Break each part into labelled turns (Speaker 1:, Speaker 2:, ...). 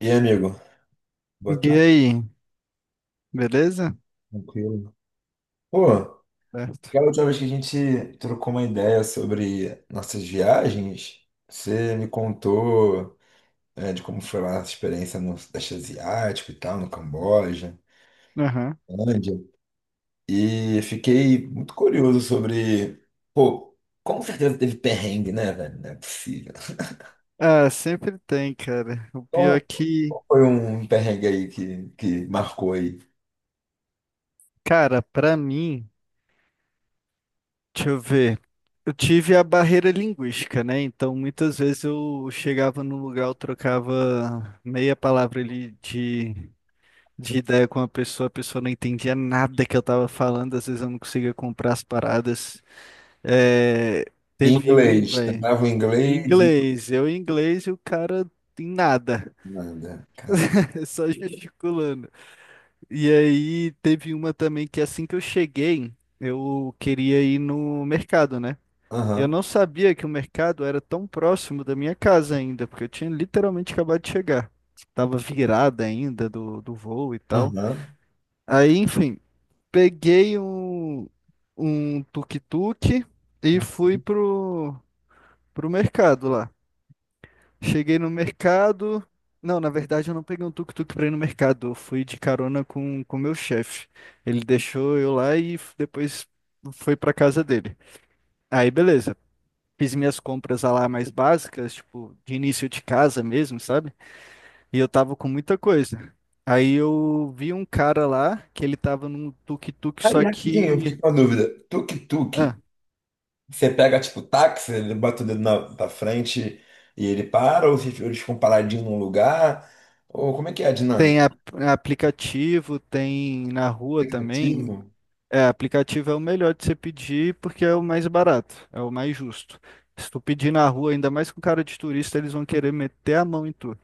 Speaker 1: E aí, amigo?
Speaker 2: E
Speaker 1: Boa tarde,
Speaker 2: aí, beleza?
Speaker 1: tranquilo. Pô,
Speaker 2: Certo.
Speaker 1: aquela última vez que a gente trocou uma ideia sobre nossas viagens, você me contou, de como foi lá a experiência no Sudeste Asiático e tal, no Camboja,
Speaker 2: Aham.
Speaker 1: Índia, e fiquei muito curioso sobre, pô, com certeza teve perrengue, né, velho? Não é possível.
Speaker 2: Ah, sempre tem, cara. O pior é
Speaker 1: Qual
Speaker 2: que,
Speaker 1: qual foi um perrengue aí que marcou aí?
Speaker 2: cara, pra mim, deixa eu ver. Eu tive a barreira linguística, né? Então, muitas vezes eu chegava num lugar, eu trocava meia palavra ali de ideia com a pessoa não entendia nada que eu tava falando, às vezes eu não conseguia comprar as paradas. É, teve um,
Speaker 1: Inglês,
Speaker 2: velho,
Speaker 1: tentava o
Speaker 2: em
Speaker 1: inglês e
Speaker 2: inglês, eu em inglês e o cara em nada.
Speaker 1: nada, cara.
Speaker 2: Só gesticulando. E aí teve uma também que assim que eu cheguei, eu queria ir no mercado, né? Eu
Speaker 1: Aham,
Speaker 2: não sabia que o mercado era tão próximo da minha casa ainda, porque eu tinha literalmente acabado de chegar. Tava virada ainda do voo e tal.
Speaker 1: aham.
Speaker 2: Aí, enfim, peguei um tuk-tuk e fui pro mercado lá. Cheguei no mercado. Não, na verdade eu não peguei um tuk-tuk pra ir no mercado. Eu fui de carona com o meu chefe. Ele deixou eu lá e depois foi pra casa dele. Aí, beleza. Fiz minhas compras lá mais básicas, tipo, de início de casa mesmo, sabe? E eu tava com muita coisa. Aí eu vi um cara lá que ele tava num tuk-tuk,
Speaker 1: Aí,
Speaker 2: só
Speaker 1: rapidinho, eu
Speaker 2: que.
Speaker 1: fiquei com a dúvida. Tuk-tuk,
Speaker 2: Ah,
Speaker 1: você pega tipo táxi, ele bota o dedo na frente e ele para, ou eles ficam paradinhos num lugar? Ou como é que é a dinâmica?
Speaker 2: tem aplicativo, tem na rua também.
Speaker 1: Aplicativo?
Speaker 2: É, aplicativo é o melhor de você pedir porque é o mais barato, é o mais justo. Se tu pedir na rua, ainda mais com cara de turista, eles vão querer meter a mão em tu.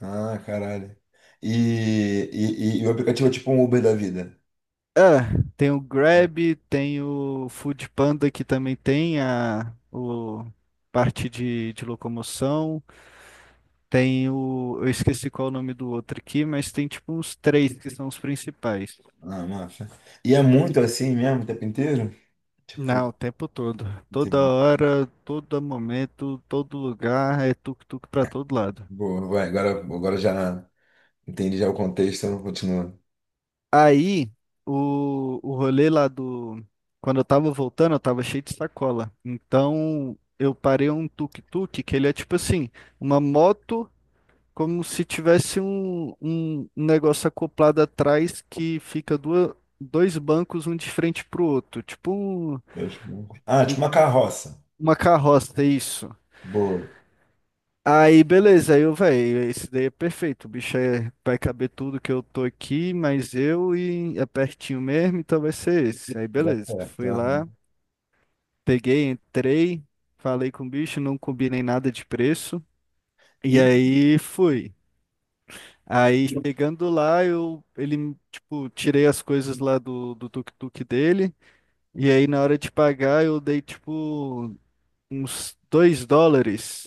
Speaker 1: Ah, caralho. E, e o aplicativo é tipo um Uber da vida.
Speaker 2: É, tem o Grab, tem o Food Panda que também tem parte de locomoção. Tem o. Eu esqueci qual é o nome do outro aqui, mas tem tipo uns três que são os principais.
Speaker 1: Ah, massa. E é muito assim mesmo o tempo inteiro? Tipo,
Speaker 2: Não, o tempo todo. Toda
Speaker 1: entendi.
Speaker 2: hora, todo momento, todo lugar, é tuk-tuk pra todo lado.
Speaker 1: Boa, vai, agora, já entendi já o contexto, eu não continuo.
Speaker 2: Aí, o rolê lá do. Quando eu tava voltando, eu tava cheio de sacola. Então, eu parei um tuk-tuk, que ele é tipo assim, uma moto, como se tivesse um negócio acoplado atrás que fica duas, dois bancos, um de frente pro outro. Tipo
Speaker 1: Eu acho que não. Ah, tipo uma carroça.
Speaker 2: uma carroça, é isso.
Speaker 1: Boa,
Speaker 2: Aí, beleza, aí eu, velho, esse daí é perfeito. O bicho é, vai caber tudo que eu tô aqui, mas eu e é pertinho mesmo, então vai ser esse. Aí,
Speaker 1: já
Speaker 2: beleza.
Speaker 1: certo.
Speaker 2: Fui lá,
Speaker 1: Aham.
Speaker 2: peguei, entrei, falei com o bicho, não combinei nada de preço. E aí fui. Aí chegando lá, eu ele tipo, tirei as coisas lá do tuk-tuk dele. E aí na hora de pagar, eu dei tipo uns US$ 2.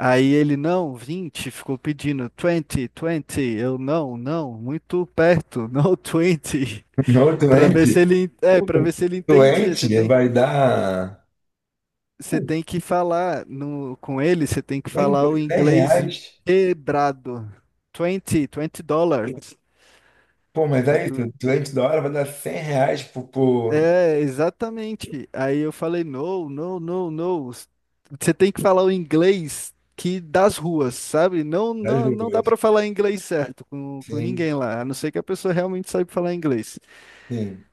Speaker 2: Aí ele, não, 20, ficou pedindo 20, 20. Eu, não, não, muito perto, no 20.
Speaker 1: Não, doente. Pô,
Speaker 2: Para ver se ele entendia.
Speaker 1: doente vai dar,
Speaker 2: Você
Speaker 1: pô,
Speaker 2: tem que falar no, com ele, você tem que
Speaker 1: 100
Speaker 2: falar o inglês
Speaker 1: reais.
Speaker 2: quebrado. 20, US$ 20.
Speaker 1: Pô, mas aí, se o doente da hora vai dar R$ 100 por,
Speaker 2: É, exatamente. Aí eu falei, no, no, no, no. Você tem que falar o inglês que das ruas, sabe? Não,
Speaker 1: das
Speaker 2: não, não dá
Speaker 1: ruas.
Speaker 2: pra falar inglês certo com
Speaker 1: Sim,
Speaker 2: ninguém lá, a não ser que a pessoa realmente saiba falar inglês.
Speaker 1: sim.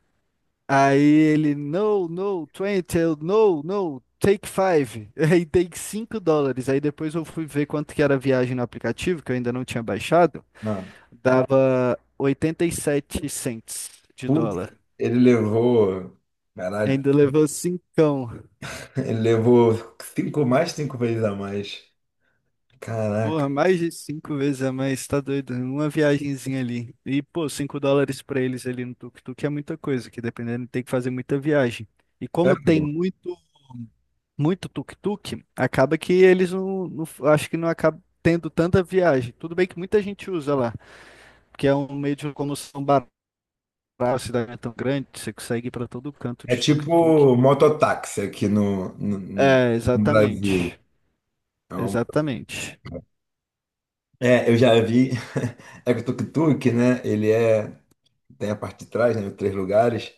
Speaker 2: Aí ele, no, no, twenty, eu, no, no, take five. Aí dei US$ 5. Aí depois eu fui ver quanto que era a viagem no aplicativo, que eu ainda não tinha baixado.
Speaker 1: Não.
Speaker 2: Dava 87 cents de
Speaker 1: Putz,
Speaker 2: dólar.
Speaker 1: ele levou. Caralho,
Speaker 2: Ainda levou cincão.
Speaker 1: ele levou cinco mais, cinco vezes a mais.
Speaker 2: Porra,
Speaker 1: Caraca.
Speaker 2: mais de cinco vezes a mais, tá doido? Uma viagenzinha ali. E, pô, US$ 5 pra eles ali no tuk-tuk é muita coisa, que dependendo tem que fazer muita viagem. E
Speaker 1: É,
Speaker 2: como tem
Speaker 1: pô.
Speaker 2: muito, muito tuk-tuk, acaba que eles acho que não acaba tendo tanta viagem. Tudo bem que muita gente usa lá, porque é um meio de locomoção barato, a cidade é tão grande, você consegue ir pra todo canto
Speaker 1: É
Speaker 2: de tuk-tuk.
Speaker 1: tipo mototáxi aqui
Speaker 2: É,
Speaker 1: no
Speaker 2: exatamente.
Speaker 1: Brasil. É,
Speaker 2: Exatamente.
Speaker 1: é, eu já vi. É que o tuk-tuk, né? Ele é Tem a parte de trás, né? Três lugares.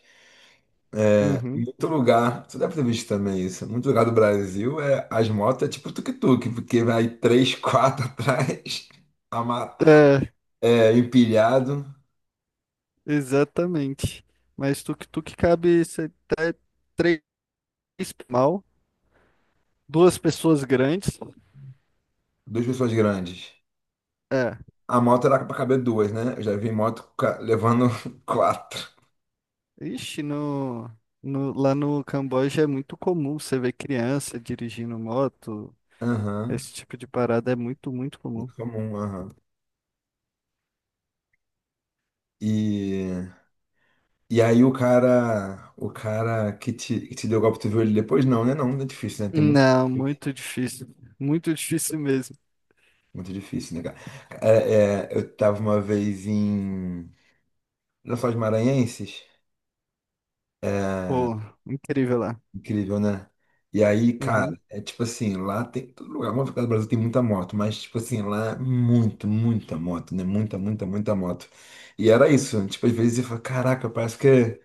Speaker 2: Uhum.
Speaker 1: Muito lugar, tu deve ter visto também isso. Muito lugar do Brasil é as motos é tipo tuk-tuk, porque vai três, quatro atrás, ama- é, empilhado,
Speaker 2: Exatamente. Mas tuk-tuk cabe até três mal, duas pessoas grandes.
Speaker 1: duas pessoas grandes.
Speaker 2: É.
Speaker 1: A moto era pra caber duas, né? Eu já vi moto levando quatro.
Speaker 2: Ixi, no, lá no Camboja é muito comum você ver criança dirigindo moto.
Speaker 1: Aham.
Speaker 2: Esse tipo de parada é muito, muito comum.
Speaker 1: Muito comum, aham. E, e aí o cara, que te, deu o golpe, tu viu ele depois? Não, né? Não, é difícil, né? Tem muito.
Speaker 2: Não, muito difícil. Muito difícil mesmo.
Speaker 1: Muito difícil, né, cara? É, eu tava uma vez em Lençóis Maranhenses,
Speaker 2: Pô, incrível lá.
Speaker 1: incrível, né? E aí,
Speaker 2: Uhum.
Speaker 1: cara, é tipo assim, lá tem todo lugar, vamos ficar no Brasil, tem muita moto, mas tipo assim, lá é muito, muita moto, né? Muita, muita, muita moto. E era isso, tipo, às vezes eu falo, caraca, parece que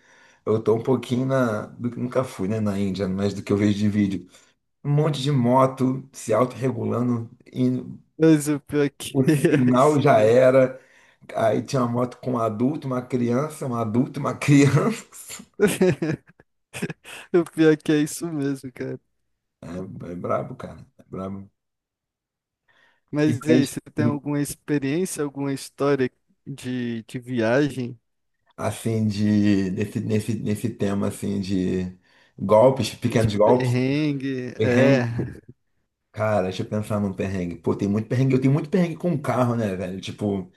Speaker 1: eu tô um pouquinho na, do que nunca fui, né, na Índia, mas do que eu vejo de vídeo. Um monte de moto se autorregulando, indo,
Speaker 2: Mas o pior é que
Speaker 1: o
Speaker 2: é
Speaker 1: sinal
Speaker 2: isso
Speaker 1: já
Speaker 2: mesmo.
Speaker 1: era. Aí tinha uma moto com um adulto, uma criança, um adulto, uma criança.
Speaker 2: O pior é que é isso mesmo, cara.
Speaker 1: É, É brabo, cara. É brabo. E
Speaker 2: Mas e
Speaker 1: mais,
Speaker 2: aí, você
Speaker 1: e,
Speaker 2: tem alguma experiência, alguma história de viagem,
Speaker 1: assim, de, nesse tema, assim, de golpes,
Speaker 2: de
Speaker 1: pequenos golpes,
Speaker 2: perrengue? É.
Speaker 1: perrengue. Cara, deixa eu pensar num perrengue. Pô, tem muito perrengue. Eu tenho muito perrengue com carro, né, velho? Tipo,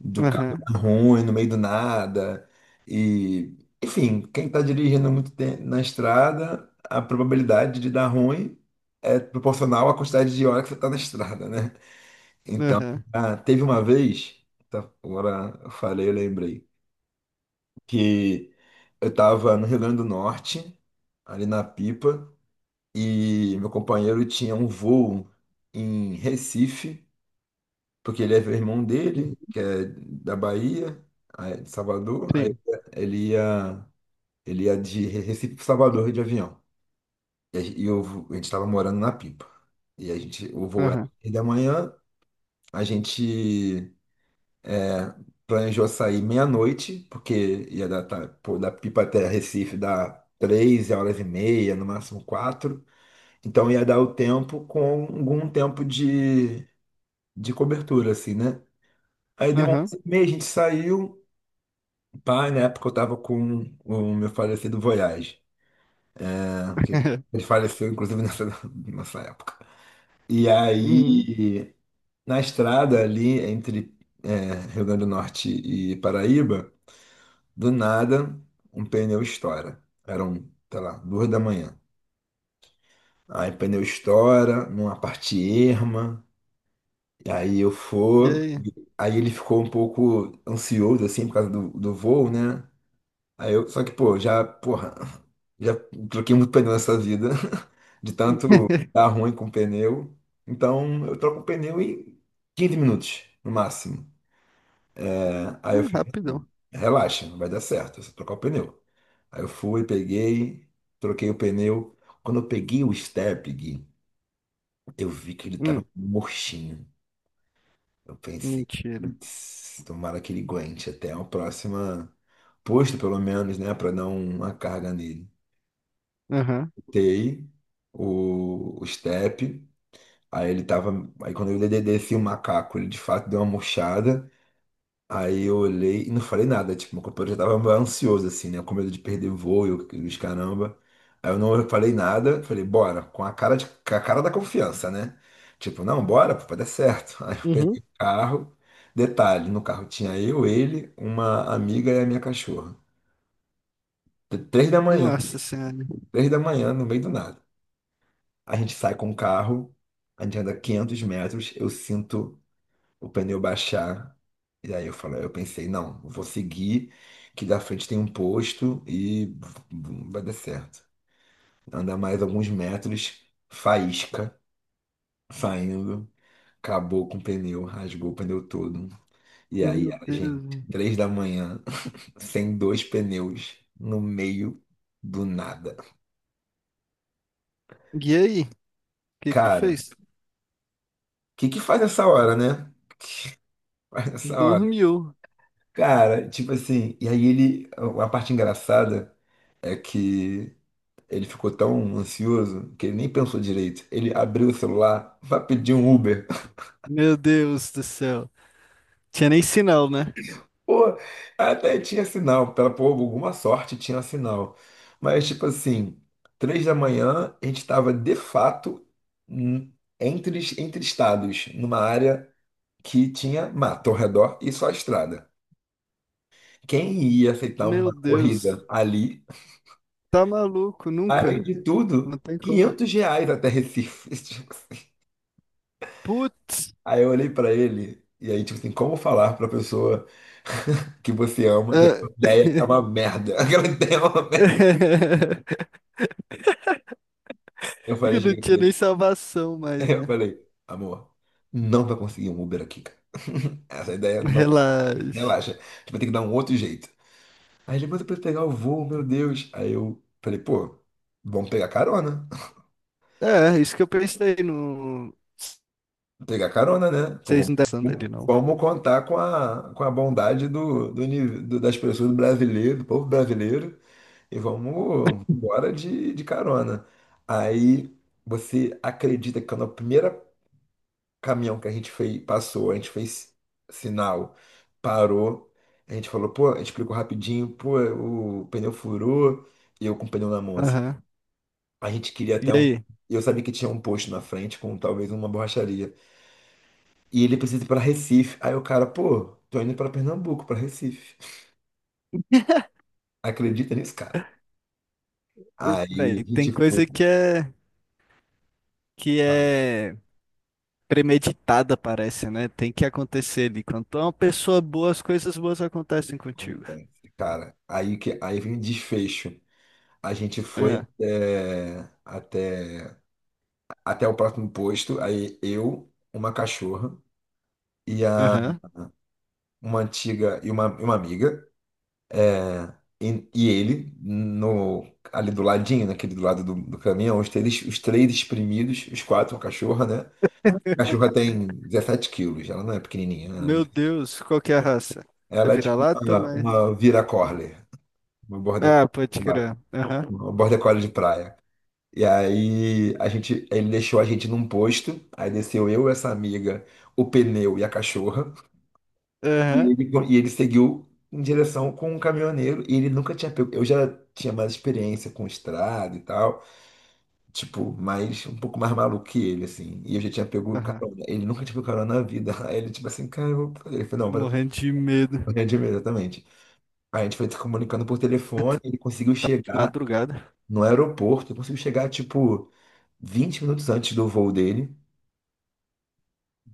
Speaker 1: do carro
Speaker 2: Aham,
Speaker 1: tá ruim, no meio do nada. E, enfim, quem está dirigindo muito tempo na estrada, a probabilidade de dar ruim é proporcional à quantidade de hora que você está na estrada, né? Então,
Speaker 2: aham.
Speaker 1: teve uma vez, tá, agora eu falei, eu lembrei, que eu estava no Rio Grande do Norte, ali na Pipa, e meu companheiro tinha um voo em Recife porque ele é o irmão dele, que é da Bahia, aí de Salvador, aí
Speaker 2: Sim.
Speaker 1: ele ia, ele ia de Recife para Salvador de avião. E eu, a gente estava morando na Pipa. E a gente, o voo era
Speaker 2: Aham,
Speaker 1: 6 da manhã, a gente é, planejou sair meia-noite, porque ia dar, tá, pô, da Pipa até Recife dá 3 horas e meia, no máximo quatro. Então ia dar o tempo com algum tempo de cobertura, assim, né? Aí deu
Speaker 2: aham.
Speaker 1: 11h30, a gente saiu. Pai, na época eu estava com o meu falecido Voyage, né? Que ele faleceu, inclusive, nessa época. E
Speaker 2: Uhum.
Speaker 1: aí, na estrada ali, entre Rio Grande do Norte e Paraíba, do nada, um pneu estoura. Eram, sei lá, 2 da manhã. Aí o pneu estoura, numa parte erma, e aí eu
Speaker 2: E
Speaker 1: for.
Speaker 2: aí?
Speaker 1: Aí ele ficou um pouco ansioso, assim, por causa do voo, né? Aí eu, só que, pô, já, porra, já troquei muito pneu nessa vida, de tanto dar ruim com pneu. Então, eu troco o pneu em 15 minutos, no máximo, né? Aí eu
Speaker 2: Ah,
Speaker 1: falei,
Speaker 2: rapidão.
Speaker 1: relaxa, não vai dar certo, é só trocar o pneu." Aí eu fui, peguei, troquei o pneu. Quando eu peguei o step, Gui, eu vi que ele tava
Speaker 2: Hum,
Speaker 1: murchinho. Eu pensei,
Speaker 2: mentira.
Speaker 1: putz, tomara que ele aguente até o próximo posto, pelo menos, né, pra dar uma carga nele.
Speaker 2: Aham.
Speaker 1: Tei, o step. Aí ele tava. Aí quando eu desci o macaco, ele de fato deu uma murchada. Aí eu olhei e não falei nada. Tipo, meu companheiro já tava ansioso, assim, né? Com medo de perder voo e os caramba. Aí eu não falei nada, falei, bora, com a cara da confiança, né? Tipo, não, bora, pô, vai dar certo. Aí eu peguei
Speaker 2: Uhum.
Speaker 1: o carro. Detalhe, no carro tinha eu, ele, uma amiga e a minha cachorra. 3 da manhã,
Speaker 2: Nossa Senhora.
Speaker 1: 3 da manhã, no meio do nada. A gente sai com o carro, a gente anda 500 metros, eu sinto o pneu baixar. E aí eu falo, eu pensei, não, vou seguir, que da frente tem um posto e vai dar certo. Anda mais alguns metros, faísca, saindo, acabou com o pneu, rasgou o pneu todo. E aí,
Speaker 2: Meu
Speaker 1: a gente,
Speaker 2: Deus.
Speaker 1: 3 da manhã, sem dois pneus, no meio do nada.
Speaker 2: E aí? O que que tu
Speaker 1: Cara, o
Speaker 2: fez?
Speaker 1: que que faz essa hora, né? Faz essa hora.
Speaker 2: Dormiu.
Speaker 1: Cara, tipo assim, e aí ele, a parte engraçada é que ele ficou tão ansioso que ele nem pensou direito. Ele abriu o celular, vai pedir um Uber.
Speaker 2: Meu Deus do céu. Tinha nem sinal, né?
Speaker 1: Pô, até tinha sinal, pela por alguma sorte tinha sinal. Mas tipo assim, 3 da manhã a gente estava de fato n- entre, entre estados, numa área que tinha mato ao redor e só estrada. Quem ia aceitar uma
Speaker 2: Meu Deus.
Speaker 1: corrida ali?
Speaker 2: Tá maluco,
Speaker 1: Além
Speaker 2: nunca.
Speaker 1: de tudo,
Speaker 2: Não tem como.
Speaker 1: R$ 500 até Recife. Tipo assim.
Speaker 2: Putz!
Speaker 1: Aí eu olhei pra ele, e aí, tipo assim, como falar pra pessoa que você ama que
Speaker 2: Ah,
Speaker 1: aquela ideia é uma merda? Aquela ideia é uma merda. Eu falei,
Speaker 2: eu não
Speaker 1: cheguei com
Speaker 2: tinha
Speaker 1: ele.
Speaker 2: nem salvação mais,
Speaker 1: Eu
Speaker 2: né?
Speaker 1: falei, amor, não vai conseguir um Uber aqui, cara. Essa ideia não.
Speaker 2: Relaxa.
Speaker 1: Relaxa, a gente vai ter que dar um outro jeito. Aí ele, mas eu preciso pegar o voo, meu Deus. Aí eu falei, pô, vamos pegar carona.
Speaker 2: É, isso que eu pensei no.
Speaker 1: Pegar carona, né? Pô,
Speaker 2: Vocês não estão dele, não.
Speaker 1: vamos contar com a bondade das pessoas do brasileiro, do povo brasileiro, e vamos embora de carona. Aí você acredita que quando o primeiro caminhão que a gente fez, passou, a gente fez sinal, parou, a gente falou, pô, a gente explicou rapidinho, pô, o pneu furou, e eu com o pneu na mão, assim.
Speaker 2: Aham.
Speaker 1: A gente queria
Speaker 2: E
Speaker 1: até um.
Speaker 2: aí?
Speaker 1: Eu sabia que tinha um posto na frente com talvez uma borracharia. E ele precisa ir pra Recife. Aí o cara, pô, tô indo pra Pernambuco, pra Recife. Acredita nisso, cara?
Speaker 2: Ô,
Speaker 1: Aí
Speaker 2: Véi,
Speaker 1: a gente
Speaker 2: tem
Speaker 1: foi,
Speaker 2: coisa que é premeditada, parece, né? Tem que acontecer ali. Quando tu é uma pessoa boa, as coisas boas acontecem contigo.
Speaker 1: cara. Aí que aí vem o desfecho. A gente foi
Speaker 2: É.
Speaker 1: até o próximo posto. Aí eu, uma cachorra e a
Speaker 2: Aham.
Speaker 1: uma antiga e e uma amiga é, e ele no ali do ladinho, naquele do lado do caminhão, os três espremidos, os quatro, a cachorra, né? Cachorra tem 17 quilos, ela não é pequenininha, né?
Speaker 2: Meu Deus, qual que é a raça? É
Speaker 1: Ela é tipo
Speaker 2: vira-lata, mas.
Speaker 1: uma vira collie, uma border
Speaker 2: Ah, pode
Speaker 1: collie,
Speaker 2: crer. Aham.
Speaker 1: uma border collie de praia. E aí a gente, ele deixou a gente num posto, aí desceu eu, essa amiga, o pneu e a cachorra.
Speaker 2: Aham.
Speaker 1: E ele seguiu em direção com um caminhoneiro e ele nunca tinha pego. Eu já tinha mais experiência com estrada e tal, tipo, mais um pouco mais maluco que ele, assim. E eu já tinha pego
Speaker 2: Aham.
Speaker 1: carona. Ele nunca tinha pego carona na vida. Aí ele, tipo assim, cara, eu vou... ele falou, não, vai dar
Speaker 2: Morrendo de medo.
Speaker 1: grande mesmo, exatamente. A gente foi se comunicando por
Speaker 2: É,
Speaker 1: telefone,
Speaker 2: Tá
Speaker 1: ele conseguiu
Speaker 2: tá de
Speaker 1: chegar
Speaker 2: madrugada.
Speaker 1: no aeroporto, ele conseguiu chegar, tipo, 20 minutos antes do voo dele,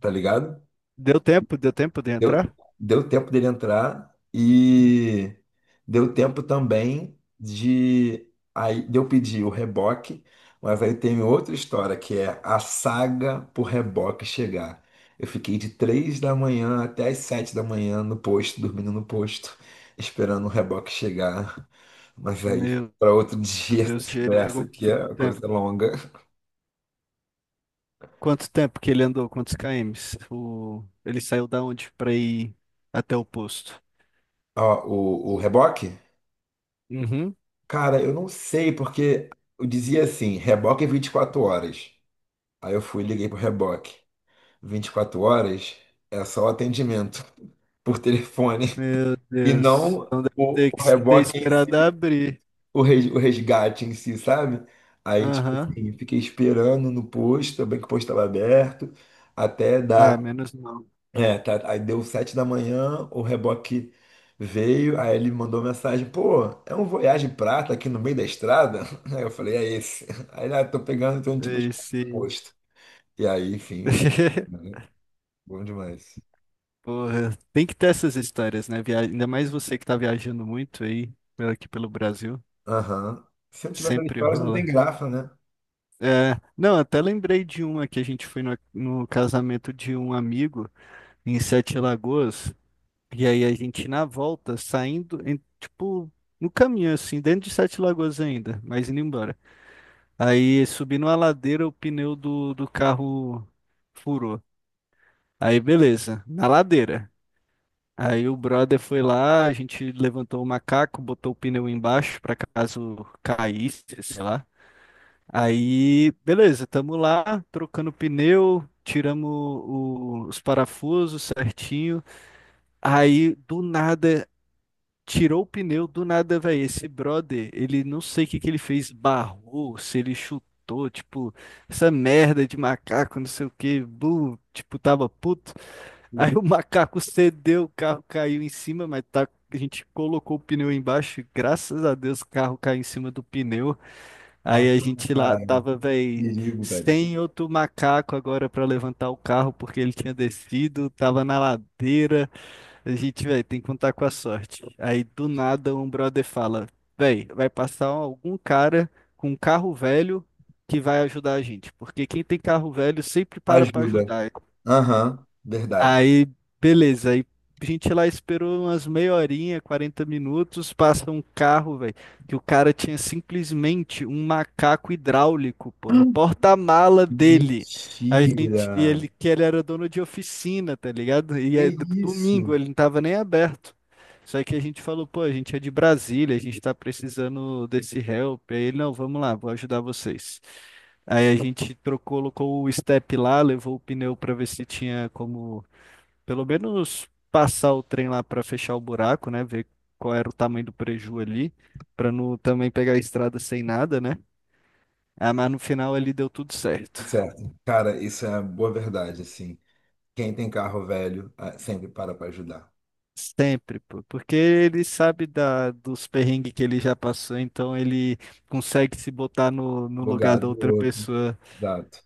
Speaker 1: tá ligado?
Speaker 2: Deu tempo? Deu tempo de
Speaker 1: Deu,
Speaker 2: entrar?
Speaker 1: Deu tempo dele entrar e deu tempo também de. Aí de eu pedir o reboque, mas aí tem outra história que é a saga pro reboque chegar. Eu fiquei de 3 da manhã até as 7 da manhã no posto, dormindo no posto, esperando o reboque chegar. Mas aí fica
Speaker 2: Meu
Speaker 1: para outro dia essa
Speaker 2: Deus, ele pegou
Speaker 1: conversa que
Speaker 2: muito
Speaker 1: é uma coisa
Speaker 2: tempo.
Speaker 1: longa.
Speaker 2: Quanto tempo que ele andou? Quantos km? Ele saiu da onde pra ir até o posto?
Speaker 1: Ó, o reboque?
Speaker 2: Uhum.
Speaker 1: Cara, eu não sei, porque eu dizia assim, reboque é 24 horas. Aí eu fui e liguei pro reboque. 24 horas é só o atendimento por telefone
Speaker 2: Meu
Speaker 1: e
Speaker 2: Deus.
Speaker 1: não
Speaker 2: Então deve ter
Speaker 1: o
Speaker 2: que ter
Speaker 1: reboque, em si,
Speaker 2: esperado abrir.
Speaker 1: o resgate em si, sabe? Aí, tipo
Speaker 2: Aham.
Speaker 1: assim, fiquei esperando no posto, bem que o posto estava aberto, até
Speaker 2: Ah,
Speaker 1: dar.
Speaker 2: menos mal.
Speaker 1: É, tá, aí deu 7 da manhã, o reboque veio, aí ele mandou mensagem, pô, é um Voyage Prata aqui no meio da estrada? Aí eu falei, é esse. Aí ele, ah, tô pegando, tô indo te buscar no
Speaker 2: Esse.
Speaker 1: posto. E aí, enfim, o resto, né? Bom demais.
Speaker 2: Porra, tem que ter essas histórias, né? Ainda mais você que tá viajando muito aí, aqui pelo Brasil.
Speaker 1: Aham. Se eu não tivesse essas
Speaker 2: Sempre
Speaker 1: histórias, não tem
Speaker 2: rola.
Speaker 1: graça, né?
Speaker 2: É, não, até lembrei de uma que a gente foi no casamento de um amigo em Sete Lagoas. E aí a gente, na volta, saindo, tipo, no caminho, assim, dentro de Sete Lagoas ainda, mas indo embora. Aí subindo a ladeira, o pneu do carro furou. Aí, beleza, na ladeira. Aí o brother foi lá, a gente levantou o macaco, botou o pneu embaixo para caso caísse, sei lá. Aí, beleza, tamo lá, trocando pneu, tiramos os parafusos certinho. Aí, do nada, tirou o pneu do nada, velho. Esse brother, ele não sei o que que ele fez, barrou, se ele chutou, tipo, essa merda de macaco, não sei o que, bu, tipo, tava puto. Aí o macaco cedeu, o carro caiu em cima, mas tá, a gente colocou o pneu embaixo, e graças a Deus o carro caiu em cima do pneu.
Speaker 1: Cara,
Speaker 2: Aí a gente lá
Speaker 1: cara,
Speaker 2: tava, velho,
Speaker 1: perigo, velho.
Speaker 2: sem outro macaco agora pra levantar o carro, porque ele tinha descido, tava na ladeira. A gente, velho, tem que contar com a sorte. Aí do nada um brother fala: velho, vai passar algum cara com um carro velho que vai ajudar a gente. Porque quem tem carro velho sempre para pra
Speaker 1: Ajuda.
Speaker 2: ajudar.
Speaker 1: Aham, verdade.
Speaker 2: Aí, beleza. Aí a gente lá esperou umas meia horinha, 40 minutos, passa um carro, velho, que o cara tinha simplesmente um macaco hidráulico, pô, no porta-mala dele. A
Speaker 1: Mentira!
Speaker 2: gente, e ele, que ele era dono de oficina, tá ligado? E
Speaker 1: Que
Speaker 2: é
Speaker 1: isso?
Speaker 2: domingo, ele não tava nem aberto. Só que a gente falou, pô, a gente é de Brasília, a gente tá precisando desse help. Aí ele, não, vamos lá, vou ajudar vocês. Aí a gente trocou, colocou o step lá, levou o pneu para ver se tinha como pelo menos passar o trem lá para fechar o buraco, né? Ver qual era o tamanho do preju ali, para não também pegar a estrada sem nada, né? Ah, mas no final ali deu tudo certo.
Speaker 1: Certo. Cara, isso é a boa verdade, assim. Quem tem carro velho, sempre para para ajudar.
Speaker 2: Sempre, pô. Porque ele sabe da, dos perrengues que ele já passou, então ele consegue se botar no lugar da
Speaker 1: Bugado
Speaker 2: outra
Speaker 1: o outro.
Speaker 2: pessoa.
Speaker 1: Exato.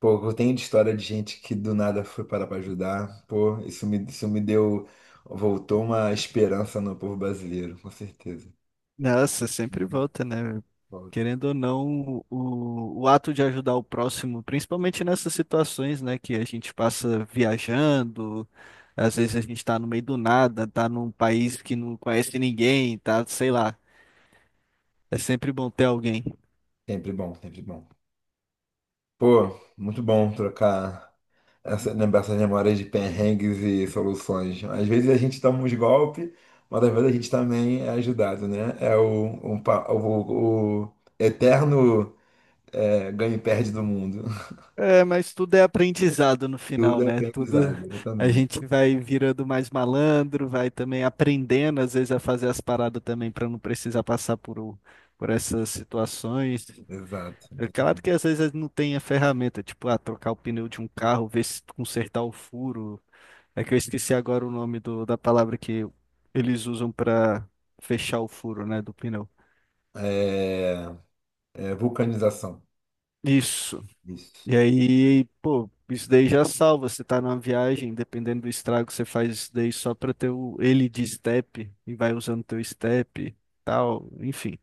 Speaker 1: Pô, tem história de gente que do nada foi parar para ajudar. Pô, isso me deu. Voltou uma esperança no povo brasileiro, com certeza.
Speaker 2: Nossa, sempre volta, né?
Speaker 1: Volta.
Speaker 2: Querendo ou não, o ato de ajudar o próximo, principalmente nessas situações, né, que a gente passa viajando, às vezes a gente está no meio do nada, tá num país que não conhece ninguém, tá, sei lá, é sempre bom ter alguém.
Speaker 1: Sempre bom, sempre bom. Pô, muito bom trocar essa, lembrar essas memórias de perrengues e soluções. Às vezes a gente toma uns golpes, mas às vezes a gente também é ajudado, né? É o, um pa- o eterno. É, ganha e perde do mundo.
Speaker 2: É, mas tudo é aprendizado no final,
Speaker 1: Tudo é
Speaker 2: né? Tudo
Speaker 1: canonizado,
Speaker 2: a
Speaker 1: exatamente.
Speaker 2: gente vai virando mais malandro, vai também aprendendo às vezes a fazer as paradas também para não precisar passar por, por essas situações.
Speaker 1: Exato.
Speaker 2: É claro que às vezes não tem a ferramenta, tipo, ah, trocar o pneu de um carro, ver se consertar o furo. É que eu esqueci agora o nome do, da palavra que eles usam pra fechar o furo, né, do pneu.
Speaker 1: É, É, vulcanização.
Speaker 2: Isso.
Speaker 1: Isso.
Speaker 2: E aí, pô, isso daí já salva. Você tá numa viagem, dependendo do estrago, você faz isso daí só pra ter o, ele de step e vai usando teu step e tal. Enfim,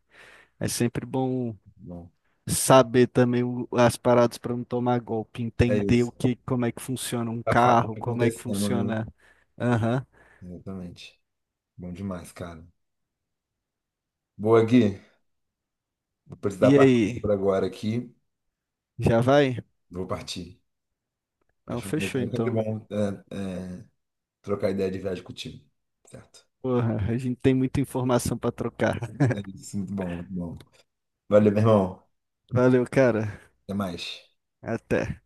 Speaker 2: é sempre bom
Speaker 1: Bom,
Speaker 2: saber também as paradas para não tomar golpe,
Speaker 1: é
Speaker 2: entender
Speaker 1: isso.
Speaker 2: o que, como é que funciona um
Speaker 1: A
Speaker 2: carro,
Speaker 1: fábrica
Speaker 2: como é que
Speaker 1: acontecendo, né?
Speaker 2: funciona. Aham.
Speaker 1: Exatamente. Bom demais, cara. Boa, Gui. Vou precisar
Speaker 2: E
Speaker 1: partir
Speaker 2: aí,
Speaker 1: por agora aqui.
Speaker 2: já vai?
Speaker 1: Vou partir.
Speaker 2: Não,
Speaker 1: Acho que
Speaker 2: fechou
Speaker 1: é sempre
Speaker 2: então.
Speaker 1: bom trocar ideia de viagem contigo. Certo?
Speaker 2: Porra, a gente tem muita informação para trocar.
Speaker 1: É isso, muito bom, muito bom. Valeu, meu irmão.
Speaker 2: Valeu, cara.
Speaker 1: Até mais.
Speaker 2: Até.